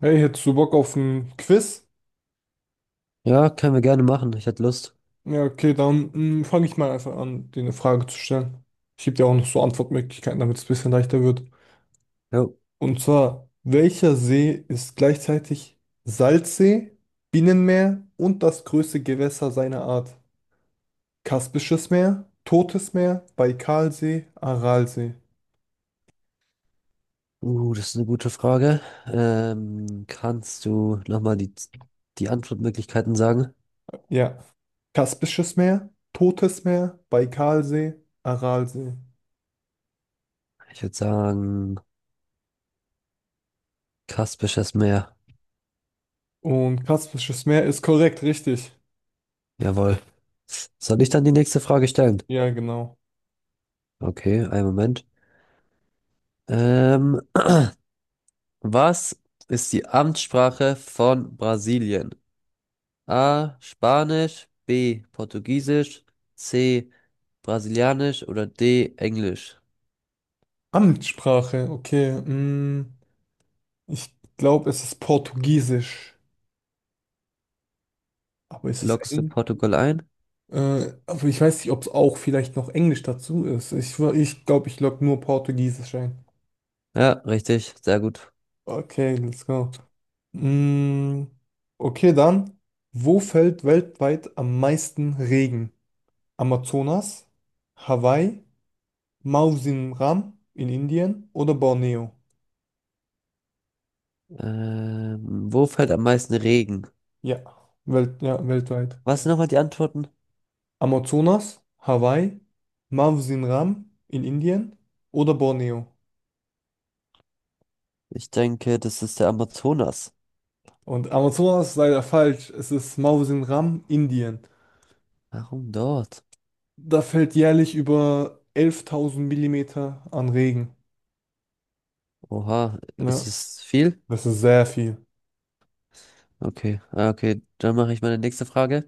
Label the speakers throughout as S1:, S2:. S1: Hey, hättest du Bock auf ein Quiz?
S2: Ja, können wir gerne machen. Ich hätte Lust.
S1: Ja, okay, dann fange ich mal einfach an, dir eine Frage zu stellen. Ich gebe dir auch noch so Antwortmöglichkeiten, damit es ein bisschen leichter wird.
S2: Ja.
S1: Und zwar, welcher See ist gleichzeitig Salzsee, Binnenmeer und das größte Gewässer seiner Art? Kaspisches Meer, Totes Meer, Baikalsee, Aralsee.
S2: Das ist eine gute Frage. Kannst du nochmal die Antwortmöglichkeiten sagen?
S1: Ja, Kaspisches Meer, Totes Meer, Baikalsee, Aralsee.
S2: Ich würde sagen, Kaspisches Meer.
S1: Und Kaspisches Meer ist korrekt, richtig.
S2: Jawohl. Soll ich dann die nächste Frage stellen?
S1: Ja, genau.
S2: Okay, einen Moment. Ähm, was ist die Amtssprache von Brasilien? A. Spanisch, B. Portugiesisch, C. Brasilianisch oder D. Englisch?
S1: Amtssprache, okay. Ich glaube, es ist Portugiesisch. Aber ist es
S2: Loggst du
S1: Englisch?
S2: Portugal ein?
S1: Aber ich weiß nicht, ob es auch vielleicht noch Englisch dazu ist. Ich glaube, ich logge nur Portugiesisch ein.
S2: Ja, richtig, sehr gut.
S1: Okay, let's go. Mm, okay, dann. Wo fällt weltweit am meisten Regen? Amazonas, Hawaii, Mausim Ram in Indien oder Borneo?
S2: Wo fällt am meisten Regen?
S1: Ja, Welt, ja, weltweit.
S2: Was sind nochmal die Antworten?
S1: Amazonas, Hawaii, Mawsin Ram in Indien oder Borneo.
S2: Ich denke, das ist der Amazonas.
S1: Und Amazonas ist leider falsch. Es ist Mawsin Ram, Indien.
S2: Warum dort?
S1: Da fällt jährlich über 11.000 Millimeter an Regen.
S2: Oha, ist
S1: Ne?
S2: es viel?
S1: Das ist sehr viel.
S2: Okay, ah, okay, dann mache ich meine nächste Frage.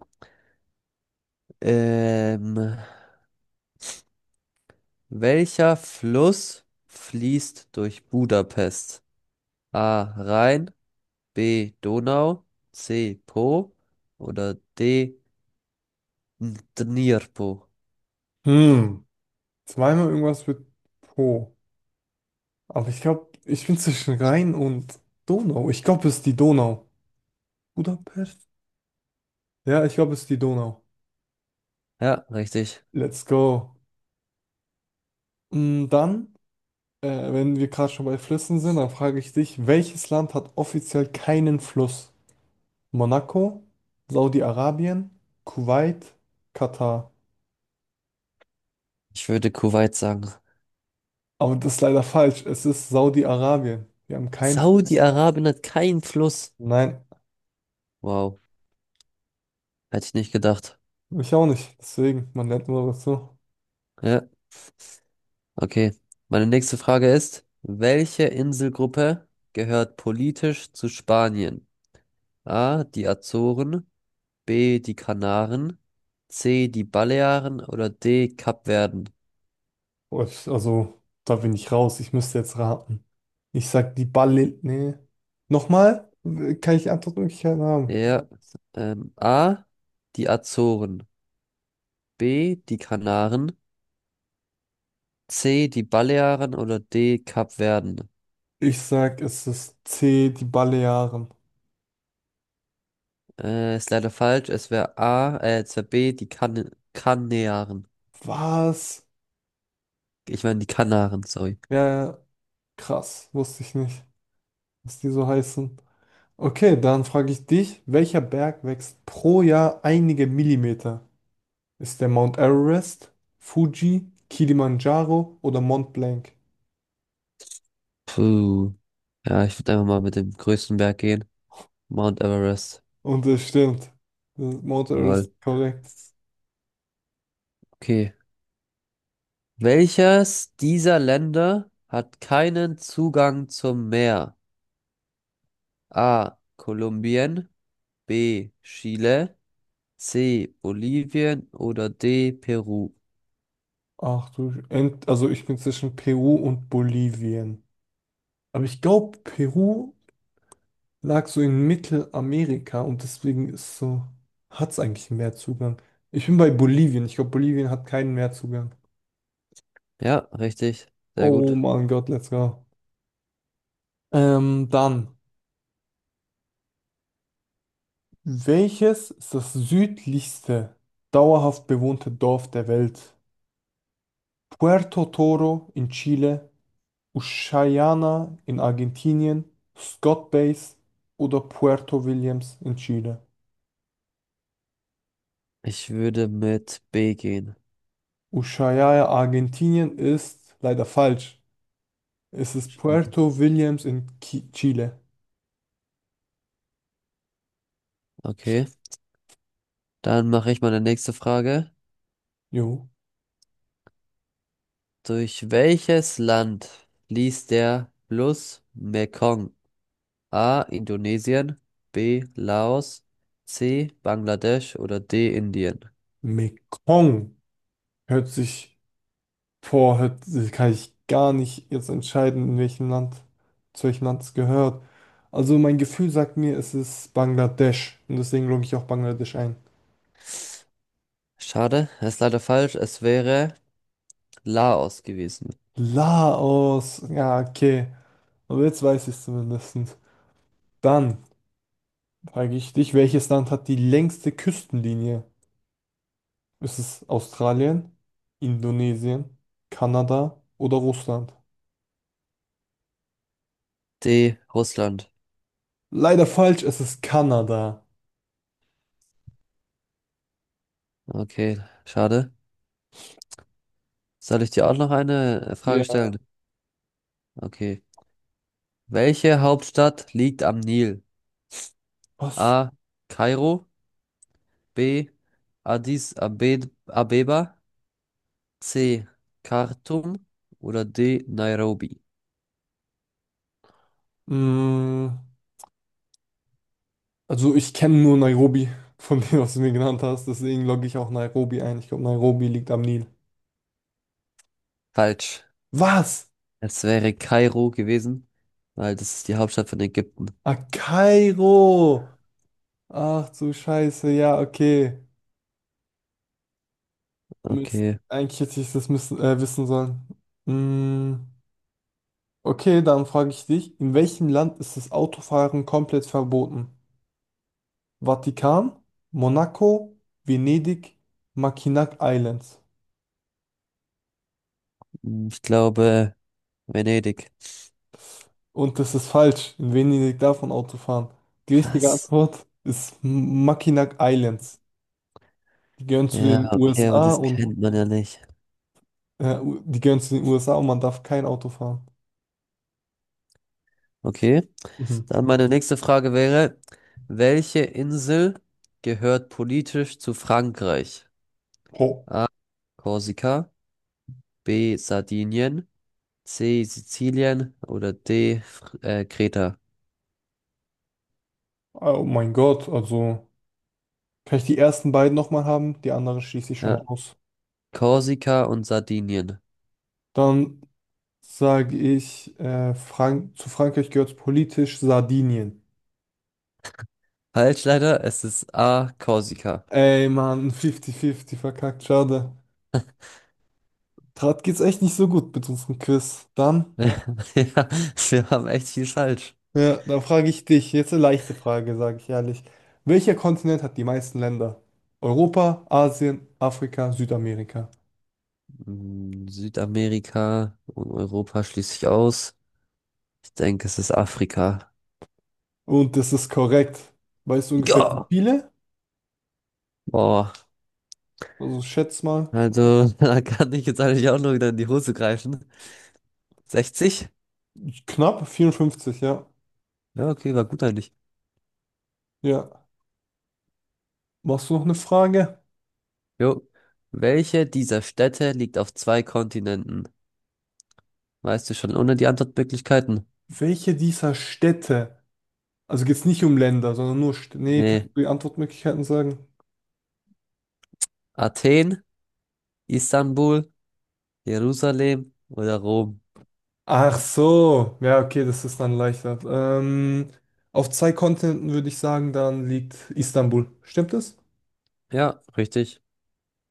S2: Ähm, welcher Fluss fließt durch Budapest? A. Rhein, B. Donau, C. Po oder D. Dnipro.
S1: Hm, zweimal irgendwas mit Po. Aber ich glaube, ich bin zwischen Rhein und Donau. Ich glaube, es ist die Donau. Budapest? Ja, ich glaube, es ist die Donau.
S2: Ja, richtig.
S1: Let's go. Dann. Wenn wir gerade schon bei Flüssen sind, dann frage ich dich, welches Land hat offiziell keinen Fluss? Monaco, Saudi-Arabien, Kuwait, Katar.
S2: Ich würde Kuwait sagen.
S1: Aber das ist leider falsch. Es ist Saudi-Arabien. Wir haben keinen Fluss.
S2: Saudi-Arabien hat keinen Fluss.
S1: Nein,
S2: Wow, hätte ich nicht gedacht.
S1: ich auch nicht. Deswegen, man lernt immer dazu.
S2: Ja, okay. Meine nächste Frage ist, welche Inselgruppe gehört politisch zu Spanien? A, die Azoren, B, die Kanaren, C, die Balearen oder D, Kapverden?
S1: Also, da bin ich raus. Ich müsste jetzt raten. Ich sag die Balle. Nee. Nochmal? Kann ich Antwortmöglichkeiten haben?
S2: Ja, A, die Azoren, B, die Kanaren, C, die Balearen oder D, Kapverden?
S1: Ich sag, es ist C, die Balearen.
S2: Ist leider falsch. Es wäre A, es wäre B, die kan Kanaren.
S1: Was?
S2: Ich meine die Kanaren, sorry.
S1: Ja, ja. Krass, wusste ich nicht, dass die so heißen. Okay, dann frage ich dich, welcher Berg wächst pro Jahr einige Millimeter? Ist der Mount Everest, Fuji, Kilimanjaro oder Mont Blanc?
S2: Puh. Ja, ich würde einfach mal mit dem größten Berg gehen. Mount Everest.
S1: Und es stimmt. Das ist Mount Everest
S2: Jawohl.
S1: ist korrekt.
S2: Okay. Welches dieser Länder hat keinen Zugang zum Meer? A. Kolumbien, B. Chile, C. Bolivien oder D. Peru.
S1: Ach du, Sch- Ent- also ich bin zwischen Peru und Bolivien. Aber ich glaube, Peru lag so in Mittelamerika und deswegen ist so, hat es eigentlich einen Meerzugang. Ich bin bei Bolivien. Ich glaube, Bolivien hat keinen Meerzugang.
S2: Ja, richtig. Sehr
S1: Oh
S2: gut.
S1: mein Gott, let's go. Dann, welches ist das südlichste dauerhaft bewohnte Dorf der Welt? Puerto Toro in Chile, Ushuaia in Argentinien, Scott Base oder Puerto Williams in Chile?
S2: Ich würde mit B gehen.
S1: Ushuaia, Argentinien ist leider falsch. Es ist
S2: Schade.
S1: Puerto Williams in Ki Chile.
S2: Okay. Dann mache ich meine nächste Frage.
S1: Jo.
S2: Durch welches Land fließt der Fluss Mekong? A. Indonesien, B. Laos, C. Bangladesch oder D. Indien?
S1: Mekong hört sich boah, heute kann ich gar nicht jetzt entscheiden, in welchem Land, zu welchem Land es gehört. Also mein Gefühl sagt mir, es ist Bangladesch. Und deswegen logge ich auch Bangladesch ein.
S2: Schade, ist leider falsch. Es wäre Laos gewesen.
S1: Laos, ja, okay. Aber jetzt weiß ich es zumindest. Dann frage ich dich, welches Land hat die längste Küstenlinie? Ist es Australien, Indonesien, Kanada oder Russland?
S2: D. Russland.
S1: Leider falsch, es ist Kanada.
S2: Okay, schade. Soll ich dir auch noch eine Frage
S1: Ja.
S2: stellen? Okay. Welche Hauptstadt liegt am Nil?
S1: Was?
S2: A. Kairo, B. Addis Abe Abeba. C. Khartoum oder D. Nairobi?
S1: Mm. Also ich kenne nur Nairobi von dem, was du mir genannt hast, deswegen logge ich auch Nairobi ein. Ich glaube, Nairobi liegt am Nil.
S2: Falsch.
S1: Was?
S2: Es wäre Kairo gewesen, weil das ist die Hauptstadt von Ägypten.
S1: Ah, Kairo! Ach du Scheiße, ja, okay. Mist.
S2: Okay,
S1: Eigentlich hätte ich das müssen, wissen sollen. Mm, okay, dann frage ich dich, in welchem Land ist das Autofahren komplett verboten? Vatikan, Monaco, Venedig, Mackinac Islands.
S2: hm, ich glaube Venedig.
S1: Und das ist falsch. In Venedig darf man Auto fahren. Die richtige
S2: Was?
S1: Antwort ist Mackinac Islands. Die gehören zu
S2: Ja,
S1: den
S2: okay, aber
S1: USA
S2: das
S1: und
S2: kennt man ja nicht.
S1: die gehören zu den USA und man darf kein Auto fahren.
S2: Okay,
S1: Mhm.
S2: dann meine nächste Frage wäre, welche Insel gehört politisch zu Frankreich?
S1: Oh,
S2: A. Korsika, B. Sardinien, C. Sizilien oder D. Kreta?
S1: oh mein Gott, also kann ich die ersten beiden nochmal haben? Die anderen schließe ich schon mal
S2: Ja,
S1: aus.
S2: Korsika und Sardinien.
S1: Dann sage ich, Frank zu Frankreich gehört politisch Sardinien.
S2: Falsch leider, es ist A, Korsika.
S1: Ey, Mann, 50-50 verkackt, schade. Gerade geht's echt nicht so gut mit unserem Quiz. Dann.
S2: Ja, wir haben echt viel falsch.
S1: Ja, dann frage ich dich, jetzt eine leichte Frage, sage ich ehrlich. Welcher Kontinent hat die meisten Länder? Europa, Asien, Afrika, Südamerika.
S2: Mm, Südamerika und Europa schließe ich aus. Ich denke, es ist Afrika.
S1: Und das ist korrekt. Weißt du ungefähr wie
S2: Ja!
S1: viele?
S2: Boah,
S1: Also schätz mal.
S2: also da kann ich jetzt eigentlich auch noch wieder in die Hose greifen. 60?
S1: Knapp 54, ja.
S2: Ja, okay, war gut eigentlich.
S1: Ja. Machst du noch eine Frage?
S2: Jo. Welche dieser Städte liegt auf zwei Kontinenten? Weißt du schon ohne die Antwortmöglichkeiten?
S1: Welche dieser Städte, also geht es nicht um Länder, sondern nur Städte. Nee, kannst
S2: Nee.
S1: du die Antwortmöglichkeiten sagen?
S2: Athen, Istanbul Jerusalem oder Rom?
S1: Ach so, ja, okay, das ist dann leichter. Auf zwei Kontinenten würde ich sagen, dann liegt Istanbul. Stimmt das?
S2: Ja, richtig.